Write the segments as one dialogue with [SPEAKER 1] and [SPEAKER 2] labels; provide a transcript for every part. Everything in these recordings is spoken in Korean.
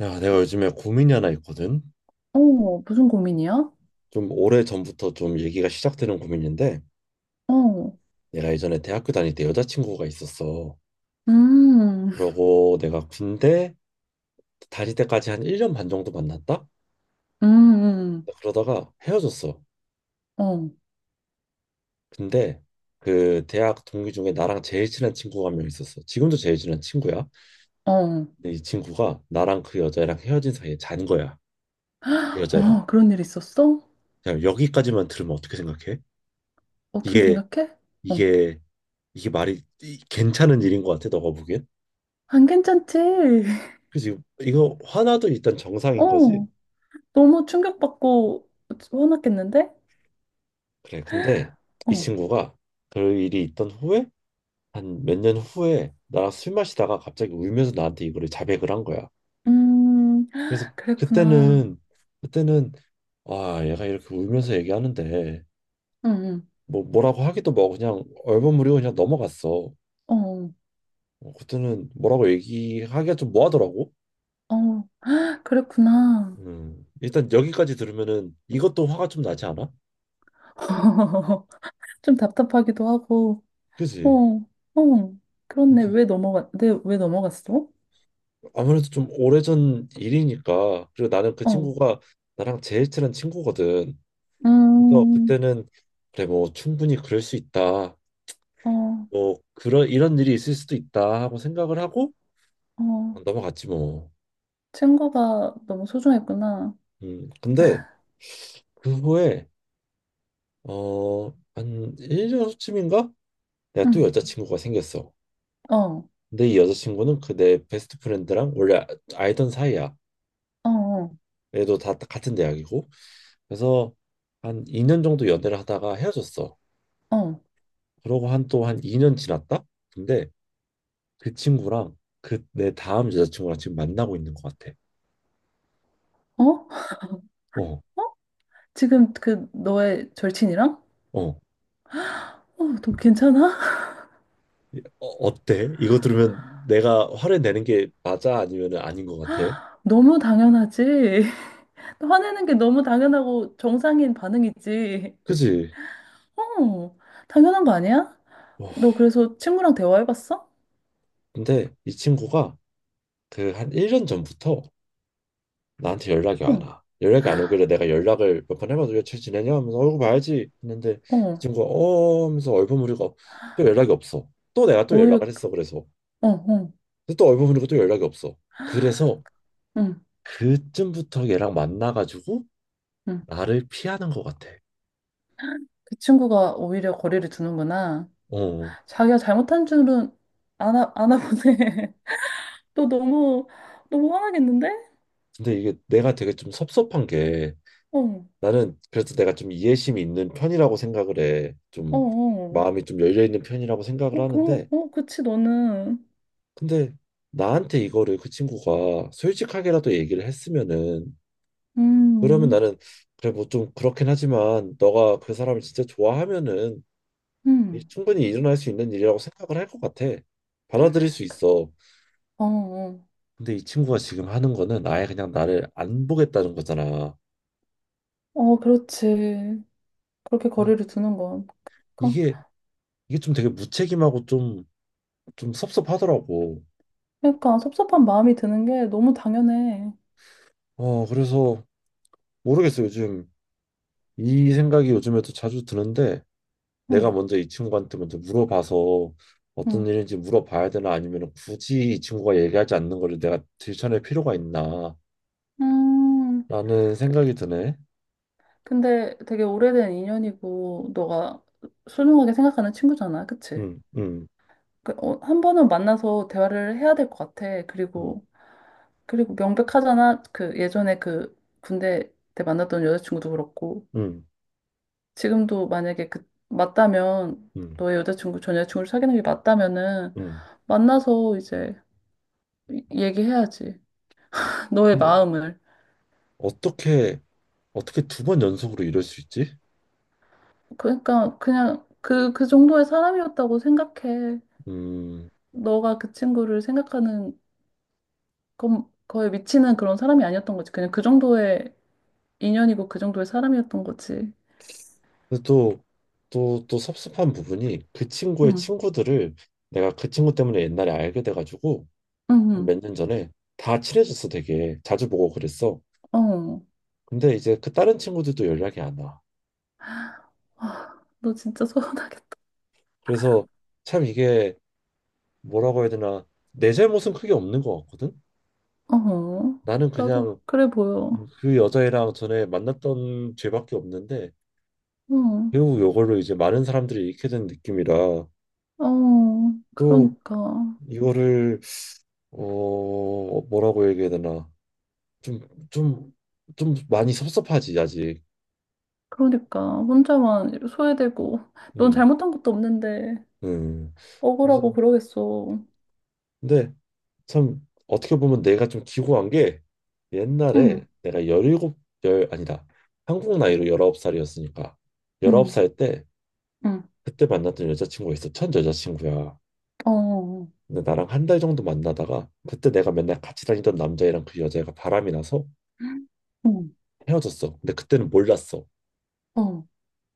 [SPEAKER 1] 야, 내가 요즘에 고민이 하나 있거든.
[SPEAKER 2] 어, 무슨 고민이야?
[SPEAKER 1] 좀 오래 전부터 좀 얘기가 시작되는 고민인데,
[SPEAKER 2] 어,
[SPEAKER 1] 내가 예전에 대학교 다닐 때 여자친구가 있었어.
[SPEAKER 2] 음,
[SPEAKER 1] 그러고 내가 군대 다닐 때까지 한 1년 반 정도 만났다?
[SPEAKER 2] 음, 음.
[SPEAKER 1] 그러다가 헤어졌어.
[SPEAKER 2] 어,
[SPEAKER 1] 근데 그 대학 동기 중에 나랑 제일 친한 친구가 한 명 있었어. 지금도 제일 친한 친구야.
[SPEAKER 2] 어,
[SPEAKER 1] 근데 이 친구가 나랑 그 여자랑 헤어진 사이에 잔 거야. 그 여자랑.
[SPEAKER 2] 어, 그런 일 있었어?
[SPEAKER 1] 그냥 여기까지만 들으면 어떻게 생각해?
[SPEAKER 2] 어떻게
[SPEAKER 1] 이게,
[SPEAKER 2] 생각해? 어,
[SPEAKER 1] 이게, 이게 말이 괜찮은 일인 것 같아, 너가 보기엔?
[SPEAKER 2] 안 괜찮지?
[SPEAKER 1] 그지. 이거 화나도 일단 정상인 거지.
[SPEAKER 2] 어, 너무 충격받고 화났겠는데?
[SPEAKER 1] 그래 근데 이
[SPEAKER 2] 어,
[SPEAKER 1] 친구가 그 일이 있던 후에 한 몇 년 후에 나랑 술 마시다가 갑자기 울면서 나한테 이거를 자백을 한 거야.
[SPEAKER 2] 음,
[SPEAKER 1] 그래서
[SPEAKER 2] 그랬구나.
[SPEAKER 1] 그때는 아 얘가 이렇게 울면서 얘기하는데
[SPEAKER 2] 응,
[SPEAKER 1] 뭐라고 하기도 뭐 그냥 얼버무리고 그냥 넘어갔어.
[SPEAKER 2] 응,
[SPEAKER 1] 그때는 뭐라고 얘기하기가 좀 뭐하더라고.
[SPEAKER 2] 어, 어, 그랬구나.
[SPEAKER 1] 일단 여기까지 들으면은 이것도 화가 좀 나지 않아?
[SPEAKER 2] 좀 답답하기도 하고, 어,
[SPEAKER 1] 그지.
[SPEAKER 2] 어, 그렇네. 왜 넘어갔, 내 왜 넘어갔어?
[SPEAKER 1] 아무래도 좀 오래전 일이니까 그리고 나는 그
[SPEAKER 2] 어,
[SPEAKER 1] 친구가 나랑 제일 친한 친구거든. 그래서
[SPEAKER 2] 음,
[SPEAKER 1] 그때는 그래 뭐 충분히 그럴 수 있다.
[SPEAKER 2] 어.
[SPEAKER 1] 뭐 그런 이런 일이 있을 수도 있다 하고 생각을 하고
[SPEAKER 2] 어,
[SPEAKER 1] 넘어갔지 뭐.
[SPEAKER 2] 친구가 너무 소중했구나.
[SPEAKER 1] 근데 그 후에 어한 1년 후쯤인가 내가 또
[SPEAKER 2] 응.
[SPEAKER 1] 여자친구가 생겼어.
[SPEAKER 2] 어, 어,
[SPEAKER 1] 근데 이 여자친구는 그 내 베스트 프렌드랑 원래 알던 사이야.
[SPEAKER 2] 어,
[SPEAKER 1] 얘도 다 같은 대학이고. 그래서 한 2년 정도 연애를 하다가 헤어졌어.
[SPEAKER 2] 어,
[SPEAKER 1] 그러고 한 또 한 2년 지났다? 근데 그 친구랑 그 내 다음 여자친구랑 지금 만나고 있는 것 같아.
[SPEAKER 2] 어?
[SPEAKER 1] 어,
[SPEAKER 2] 어? 지금 그 너의 절친이랑?
[SPEAKER 1] 어.
[SPEAKER 2] 어, 너 괜찮아?
[SPEAKER 1] 어때? 이거 들으면 내가 화를 내는 게 맞아? 아니면 아닌 것 같아?
[SPEAKER 2] 너무 당연하지. 화내는 게 너무 당연하고 정상인 반응이지.
[SPEAKER 1] 그지?
[SPEAKER 2] 어, 당연한 거 아니야?
[SPEAKER 1] 어,
[SPEAKER 2] 너 그래서 친구랑 대화해봤어?
[SPEAKER 1] 근데 이 친구가 그 한 1년 전부터 나한테 연락이 안
[SPEAKER 2] 응,
[SPEAKER 1] 와. 연락이 안 오길래 내가 연락을 몇 번 해봐도 잘 지내냐 하면서 얼굴 봐야지 했는데 이
[SPEAKER 2] 어,
[SPEAKER 1] 친구가 어 하면서 얼버무리고 또 연락이 없어. 또 내가 또
[SPEAKER 2] 오히려,
[SPEAKER 1] 연락을 했어. 그래서
[SPEAKER 2] 어, 어,
[SPEAKER 1] 근데 또 얼버무리고 또 연락이 없어. 그래서
[SPEAKER 2] 응,
[SPEAKER 1] 그쯤부터 얘랑 만나가지고
[SPEAKER 2] 응.
[SPEAKER 1] 나를 피하는 것 같아.
[SPEAKER 2] 그 친구가 오히려 거리를 두는구나.
[SPEAKER 1] 어.
[SPEAKER 2] 자기가 잘못한 줄은 아나, 아나 보네. 너 너무, 너무 화나겠는데?
[SPEAKER 1] 근데 이게 내가 되게 좀 섭섭한 게
[SPEAKER 2] 어, 어,
[SPEAKER 1] 나는 그래서 내가 좀 이해심이 있는 편이라고 생각을 해. 좀
[SPEAKER 2] 어.
[SPEAKER 1] 마음이 좀 열려 있는 편이라고 생각을
[SPEAKER 2] 어, 그럼,
[SPEAKER 1] 하는데
[SPEAKER 2] 어, 그치, 너는.
[SPEAKER 1] 근데 나한테 이거를 그 친구가 솔직하게라도 얘기를 했으면은 그러면
[SPEAKER 2] 음,
[SPEAKER 1] 나는 그래 뭐 좀 그렇긴 하지만 너가 그 사람을 진짜 좋아하면은
[SPEAKER 2] 음.
[SPEAKER 1] 충분히 일어날 수 있는 일이라고 생각을 할 것 같아. 받아들일 수 있어.
[SPEAKER 2] 어, 어.
[SPEAKER 1] 근데 이 친구가 지금 하는 거는 아예 그냥 나를 안 보겠다는 거잖아.
[SPEAKER 2] 어, 그렇지. 그렇게 거리를 두는 건. 그러니까,
[SPEAKER 1] 이게 이게 좀 되게 무책임하고 좀 섭섭하더라고.
[SPEAKER 2] 그러니까 섭섭한 마음이 드는 게 너무 당연해.
[SPEAKER 1] 그래서 모르겠어. 요즘 이 생각이 요즘에도 자주 드는데 내가
[SPEAKER 2] 응,
[SPEAKER 1] 먼저 이 친구한테 먼저 물어봐서
[SPEAKER 2] 응.
[SPEAKER 1] 어떤 일인지 물어봐야 되나 아니면 굳이 이 친구가 얘기하지 않는 거를 내가 들춰낼 필요가 있나
[SPEAKER 2] 음.
[SPEAKER 1] 라는
[SPEAKER 2] 그-
[SPEAKER 1] 생각이 드네.
[SPEAKER 2] 근데 되게 오래된 인연이고, 너가 소중하게 생각하는 친구잖아. 그치?
[SPEAKER 1] 음, 음,
[SPEAKER 2] 그, 어, 한 번은 만나서 대화를 해야 될 것 같아.
[SPEAKER 1] 음,
[SPEAKER 2] 그리고, 그리고 명백하잖아. 그 예전에 그 군대 때 만났던 여자친구도 그렇고
[SPEAKER 1] 음,
[SPEAKER 2] 지금도 만약에 그 맞다면
[SPEAKER 1] 음,
[SPEAKER 2] 너의 여자친구 전 여자친구를 사귀는 게 맞다면은
[SPEAKER 1] 음.
[SPEAKER 2] 만나서 이제 얘기해야지. 너의
[SPEAKER 1] 뭐
[SPEAKER 2] 마음을.
[SPEAKER 1] 어떻게 어떻게 두 번 연속으로 이럴 수 있지?
[SPEAKER 2] 그러니까 그냥 그 그 정도의 사람이었다고 생각해.
[SPEAKER 1] 음,
[SPEAKER 2] 너가 그 친구를 생각하는 건 거의 미치는 그런 사람이 아니었던 거지. 그냥 그 정도의 인연이고 그 정도의 사람이었던 거지.
[SPEAKER 1] 근데 또 섭섭한 부분이 그 친구의
[SPEAKER 2] 응,
[SPEAKER 1] 친구들을 내가 그 친구 때문에 옛날에 알게 돼가지고
[SPEAKER 2] 응,
[SPEAKER 1] 몇 년 전에 다 친해졌어 되게 자주 보고 그랬어.
[SPEAKER 2] 응. 어.
[SPEAKER 1] 근데 이제 그 다른 친구들도 연락이 안 와.
[SPEAKER 2] 아, 너 진짜 서운하겠다.
[SPEAKER 1] 그래서 참 이게 뭐라고 해야 되나 내 잘못은 크게 없는 것 같거든.
[SPEAKER 2] 어,
[SPEAKER 1] 나는
[SPEAKER 2] 나도
[SPEAKER 1] 그냥
[SPEAKER 2] 그래 보여.
[SPEAKER 1] 그 여자애랑 전에 만났던 죄밖에 없는데
[SPEAKER 2] 어,
[SPEAKER 1] 결국 이걸로 이제 많은 사람들이 잃게 된 느낌이라
[SPEAKER 2] 어,
[SPEAKER 1] 또
[SPEAKER 2] 그러니까.
[SPEAKER 1] 이거를 뭐라고 얘기해야 되나 좀, 좀, 좀 많이 섭섭하지, 아직.
[SPEAKER 2] 그러니까. 혼자만 소외되고. 넌
[SPEAKER 1] 음,
[SPEAKER 2] 잘못한 것도 없는데.
[SPEAKER 1] 음. 그래서,
[SPEAKER 2] 억울하고 그러겠어.
[SPEAKER 1] 근데 참 어떻게 보면 내가 좀 기고한 게 옛날에
[SPEAKER 2] 응,
[SPEAKER 1] 내가 17, 열 아니다. 한국 나이로 19살이었으니까
[SPEAKER 2] 응,
[SPEAKER 1] 19살 때
[SPEAKER 2] 응.
[SPEAKER 1] 그때 만났던 여자친구가 있어. 첫 여자친구야.
[SPEAKER 2] 어, 어, 어.
[SPEAKER 1] 근데 나랑 한 달 정도 만나다가 그때 내가 맨날 같이 다니던 남자애랑 그 여자애가 바람이 나서
[SPEAKER 2] 응,
[SPEAKER 1] 헤어졌어. 근데 그때는 몰랐어.
[SPEAKER 2] 어,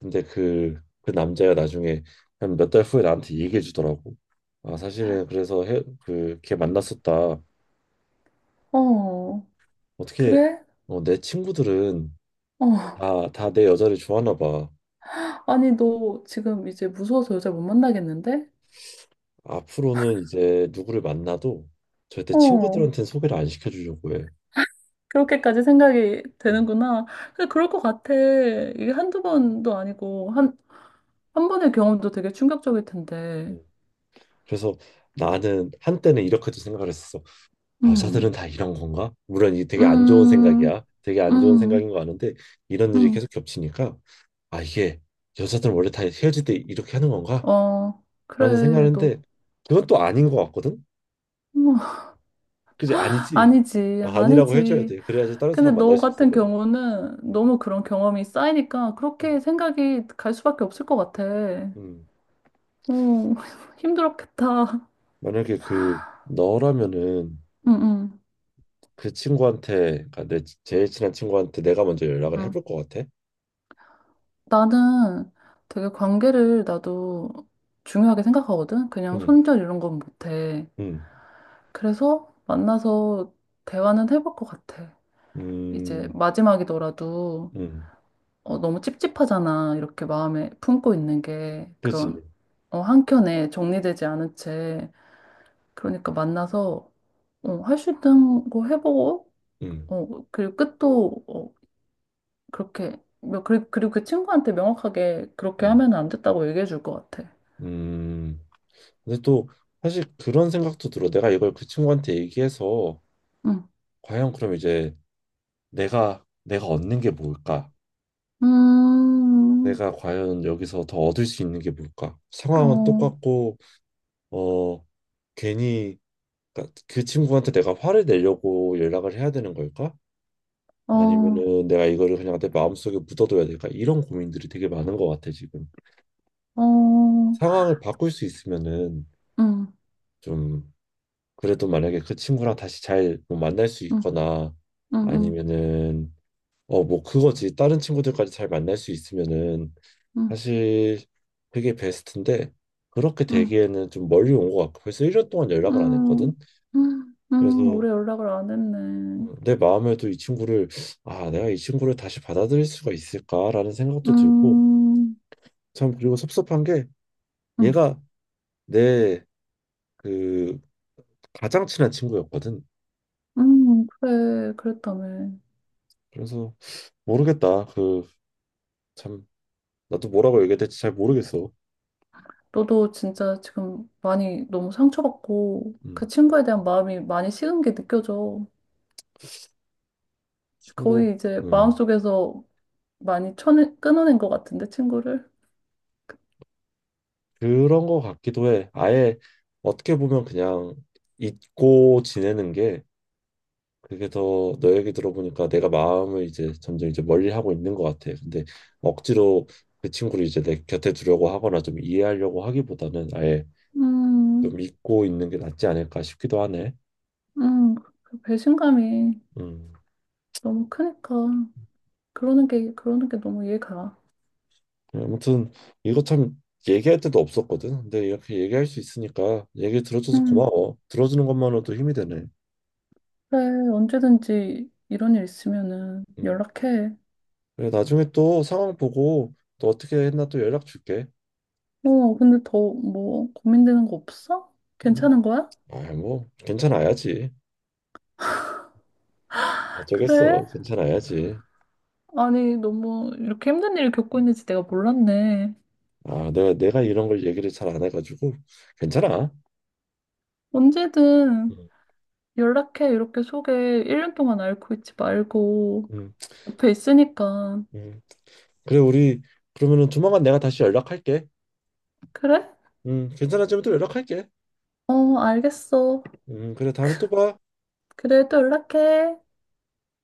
[SPEAKER 1] 근데 그 남자가 나중에 한 몇 달 후에 나한테 얘기해 주더라고. 아, 사실은 그래서 걔 만났었다.
[SPEAKER 2] 어.
[SPEAKER 1] 어떻게,
[SPEAKER 2] 그래?
[SPEAKER 1] 내 친구들은
[SPEAKER 2] 어.
[SPEAKER 1] 다 내 여자를 좋아하나 봐.
[SPEAKER 2] 아니, 너 지금 이제 무서워서 여자 못 만나겠는데?
[SPEAKER 1] 앞으로는 이제 누구를 만나도 절대
[SPEAKER 2] 어.
[SPEAKER 1] 친구들한테는 소개를 안 시켜주려고 해.
[SPEAKER 2] 그렇게까지 생각이 되는구나. 근데 그럴 것 같아. 이게 한두 번도 아니고, 한, 한 번의 경험도 되게 충격적일 텐데.
[SPEAKER 1] 음. 그래서 나는 한때는 이렇게도 생각을 했어.
[SPEAKER 2] 음,
[SPEAKER 1] 여자들은 다 이런 건가? 물론 이 되게 안 좋은
[SPEAKER 2] 음,
[SPEAKER 1] 생각이야. 되게 안 좋은 생각인
[SPEAKER 2] 음,
[SPEAKER 1] 거 아는데 이런 일이
[SPEAKER 2] 음.
[SPEAKER 1] 계속 겹치니까 아 이게 여자들은 원래 다 헤어질 때 이렇게 하는 건가?
[SPEAKER 2] 어,
[SPEAKER 1] 라는
[SPEAKER 2] 그래, 너.
[SPEAKER 1] 생각하는데 그건 또 아닌 것 같거든?
[SPEAKER 2] 음
[SPEAKER 1] 그지? 아니지.
[SPEAKER 2] 아니지,
[SPEAKER 1] 어, 아니라고 해줘야
[SPEAKER 2] 아니지.
[SPEAKER 1] 돼. 그래야지 다른
[SPEAKER 2] 근데
[SPEAKER 1] 사람
[SPEAKER 2] 너
[SPEAKER 1] 만날 수 있어
[SPEAKER 2] 같은
[SPEAKER 1] 내가.
[SPEAKER 2] 경우는
[SPEAKER 1] 음,
[SPEAKER 2] 너무 그런 경험이 쌓이니까
[SPEAKER 1] 음,
[SPEAKER 2] 그렇게 생각이 갈 수밖에 없을 것 같아.
[SPEAKER 1] 음.
[SPEAKER 2] 어, 힘들었겠다.
[SPEAKER 1] 만약에 그 너라면은
[SPEAKER 2] 응, 응,
[SPEAKER 1] 그 친구한테 그러니까 내 제일 친한 친구한테 내가 먼저 연락을
[SPEAKER 2] 응,
[SPEAKER 1] 해볼 것 같아.
[SPEAKER 2] 나는 되게 관계를 나도 중요하게 생각하거든? 그냥
[SPEAKER 1] 음,
[SPEAKER 2] 손절 이런 건 못해.
[SPEAKER 1] 음,
[SPEAKER 2] 그래서 만나서 대화는 해볼 것 같아. 이제
[SPEAKER 1] 음,
[SPEAKER 2] 마지막이더라도
[SPEAKER 1] 음.
[SPEAKER 2] 어, 너무 찝찝하잖아. 이렇게 마음에 품고 있는 게
[SPEAKER 1] 그지?
[SPEAKER 2] 그런 어, 한켠에 정리되지 않은 채 그러니까 만나서 어, 할 수 있는 거 해보고
[SPEAKER 1] 음.
[SPEAKER 2] 어, 그리고 끝도 어, 그렇게 그리고 그 친구한테 명확하게 그렇게
[SPEAKER 1] 음.
[SPEAKER 2] 하면 안 됐다고 얘기해 줄 것 같아.
[SPEAKER 1] 음, 근데 또 사실 그런 생각도 들어. 내가 이걸 그 친구한테 얘기해서
[SPEAKER 2] 응.
[SPEAKER 1] 과연 그럼 이제 내가 얻는 게 뭘까?
[SPEAKER 2] 음,
[SPEAKER 1] 내가 과연 여기서 더 얻을 수 있는 게 뭘까? 상황은
[SPEAKER 2] 어,
[SPEAKER 1] 똑같고 어 괜히 그러니까 그 친구한테 내가 화를 내려고 연락을 해야 되는 걸까?
[SPEAKER 2] 어,
[SPEAKER 1] 아니면은 내가 이거를 그냥 내 마음속에 묻어둬야 될까? 이런 고민들이 되게 많은 것 같아 지금.
[SPEAKER 2] 어,
[SPEAKER 1] 상황을 바꿀 수 있으면은
[SPEAKER 2] 음, 음,
[SPEAKER 1] 좀 그래도 만약에 그 친구랑 다시 잘뭐 만날 수
[SPEAKER 2] 음,
[SPEAKER 1] 있거나
[SPEAKER 2] 음,
[SPEAKER 1] 아니면은 뭐 그거지 다른 친구들까지 잘 만날 수 있으면은
[SPEAKER 2] 음,
[SPEAKER 1] 사실 그게 베스트인데 그렇게
[SPEAKER 2] 음.
[SPEAKER 1] 되기에는 좀 멀리 온 것 같고 벌써 1년 동안 연락을 안
[SPEAKER 2] 음,
[SPEAKER 1] 했거든. 그래서
[SPEAKER 2] 오래 연락을 안 했네.
[SPEAKER 1] 내 마음에도 이 친구를 내가 이 친구를 다시 받아들일 수가 있을까라는 생각도 들고
[SPEAKER 2] 음,
[SPEAKER 1] 참 그리고 섭섭한 게
[SPEAKER 2] 음,
[SPEAKER 1] 얘가 내 그 가장 친한 친구였거든.
[SPEAKER 2] 그래, 그랬다며.
[SPEAKER 1] 그래서 모르겠다 그참 나도 뭐라고 얘기해야 될지 잘 모르겠어.
[SPEAKER 2] 너도 진짜 지금 많이 너무 상처받고 그
[SPEAKER 1] 음,
[SPEAKER 2] 친구에 대한 마음이 많이 식은 게 느껴져.
[SPEAKER 1] 친구,
[SPEAKER 2] 거의 이제
[SPEAKER 1] 음,
[SPEAKER 2] 마음속에서 많이 쳐내, 끊어낸 것 같은데, 친구를.
[SPEAKER 1] 그런 거 같기도 해. 아예 어떻게 보면 그냥 잊고 지내는 게 그게 더 너 얘기 들어보니까 내가 마음을 이제 점점 이제 멀리 하고 있는 것 같아. 근데 억지로 그 친구를 이제 내 곁에 두려고 하거나 좀 이해하려고 하기보다는 아예
[SPEAKER 2] 음,
[SPEAKER 1] 좀 잊고 있는 게 낫지 않을까 싶기도 하네.
[SPEAKER 2] 음, 그 배신감이
[SPEAKER 1] 음,
[SPEAKER 2] 너무 크니까. 그러는 게, 그러는 게 너무 이해가.
[SPEAKER 1] 아무튼 이거 참 얘기할 때도 없었거든. 근데 이렇게 얘기할 수 있으니까 얘기 들어줘서
[SPEAKER 2] 음,
[SPEAKER 1] 고마워. 들어주는 것만으로도 힘이 되네.
[SPEAKER 2] 그래, 언제든지 이런 일 있으면은
[SPEAKER 1] 음.
[SPEAKER 2] 연락해.
[SPEAKER 1] 그래, 나중에 또 상황 보고 또 어떻게 했나 또 연락 줄게.
[SPEAKER 2] 어, 근데 더 뭐 고민되는 거 없어?
[SPEAKER 1] 음.
[SPEAKER 2] 괜찮은 거야?
[SPEAKER 1] 아, 뭐 괜찮아야지.
[SPEAKER 2] 아, 그래?
[SPEAKER 1] 어쩌겠어. 괜찮아야지.
[SPEAKER 2] 아니, 너무 이렇게 힘든 일을 겪고 있는지 내가 몰랐네.
[SPEAKER 1] 아, 내가 이런 걸 얘기를 잘 안 해가지고 괜찮아.
[SPEAKER 2] 언제든
[SPEAKER 1] 음.
[SPEAKER 2] 연락해. 이렇게 속에 1년 동안 앓고 있지 말고
[SPEAKER 1] 음.
[SPEAKER 2] 옆에 있으니까.
[SPEAKER 1] 음. 그래, 우리 그러면은 조만간 내가 다시 연락할게.
[SPEAKER 2] 그래?
[SPEAKER 1] 괜찮아지면 또 연락할게.
[SPEAKER 2] 어, 알겠어.
[SPEAKER 1] 그래, 다음에 또 봐.
[SPEAKER 2] 그래, 또 연락해.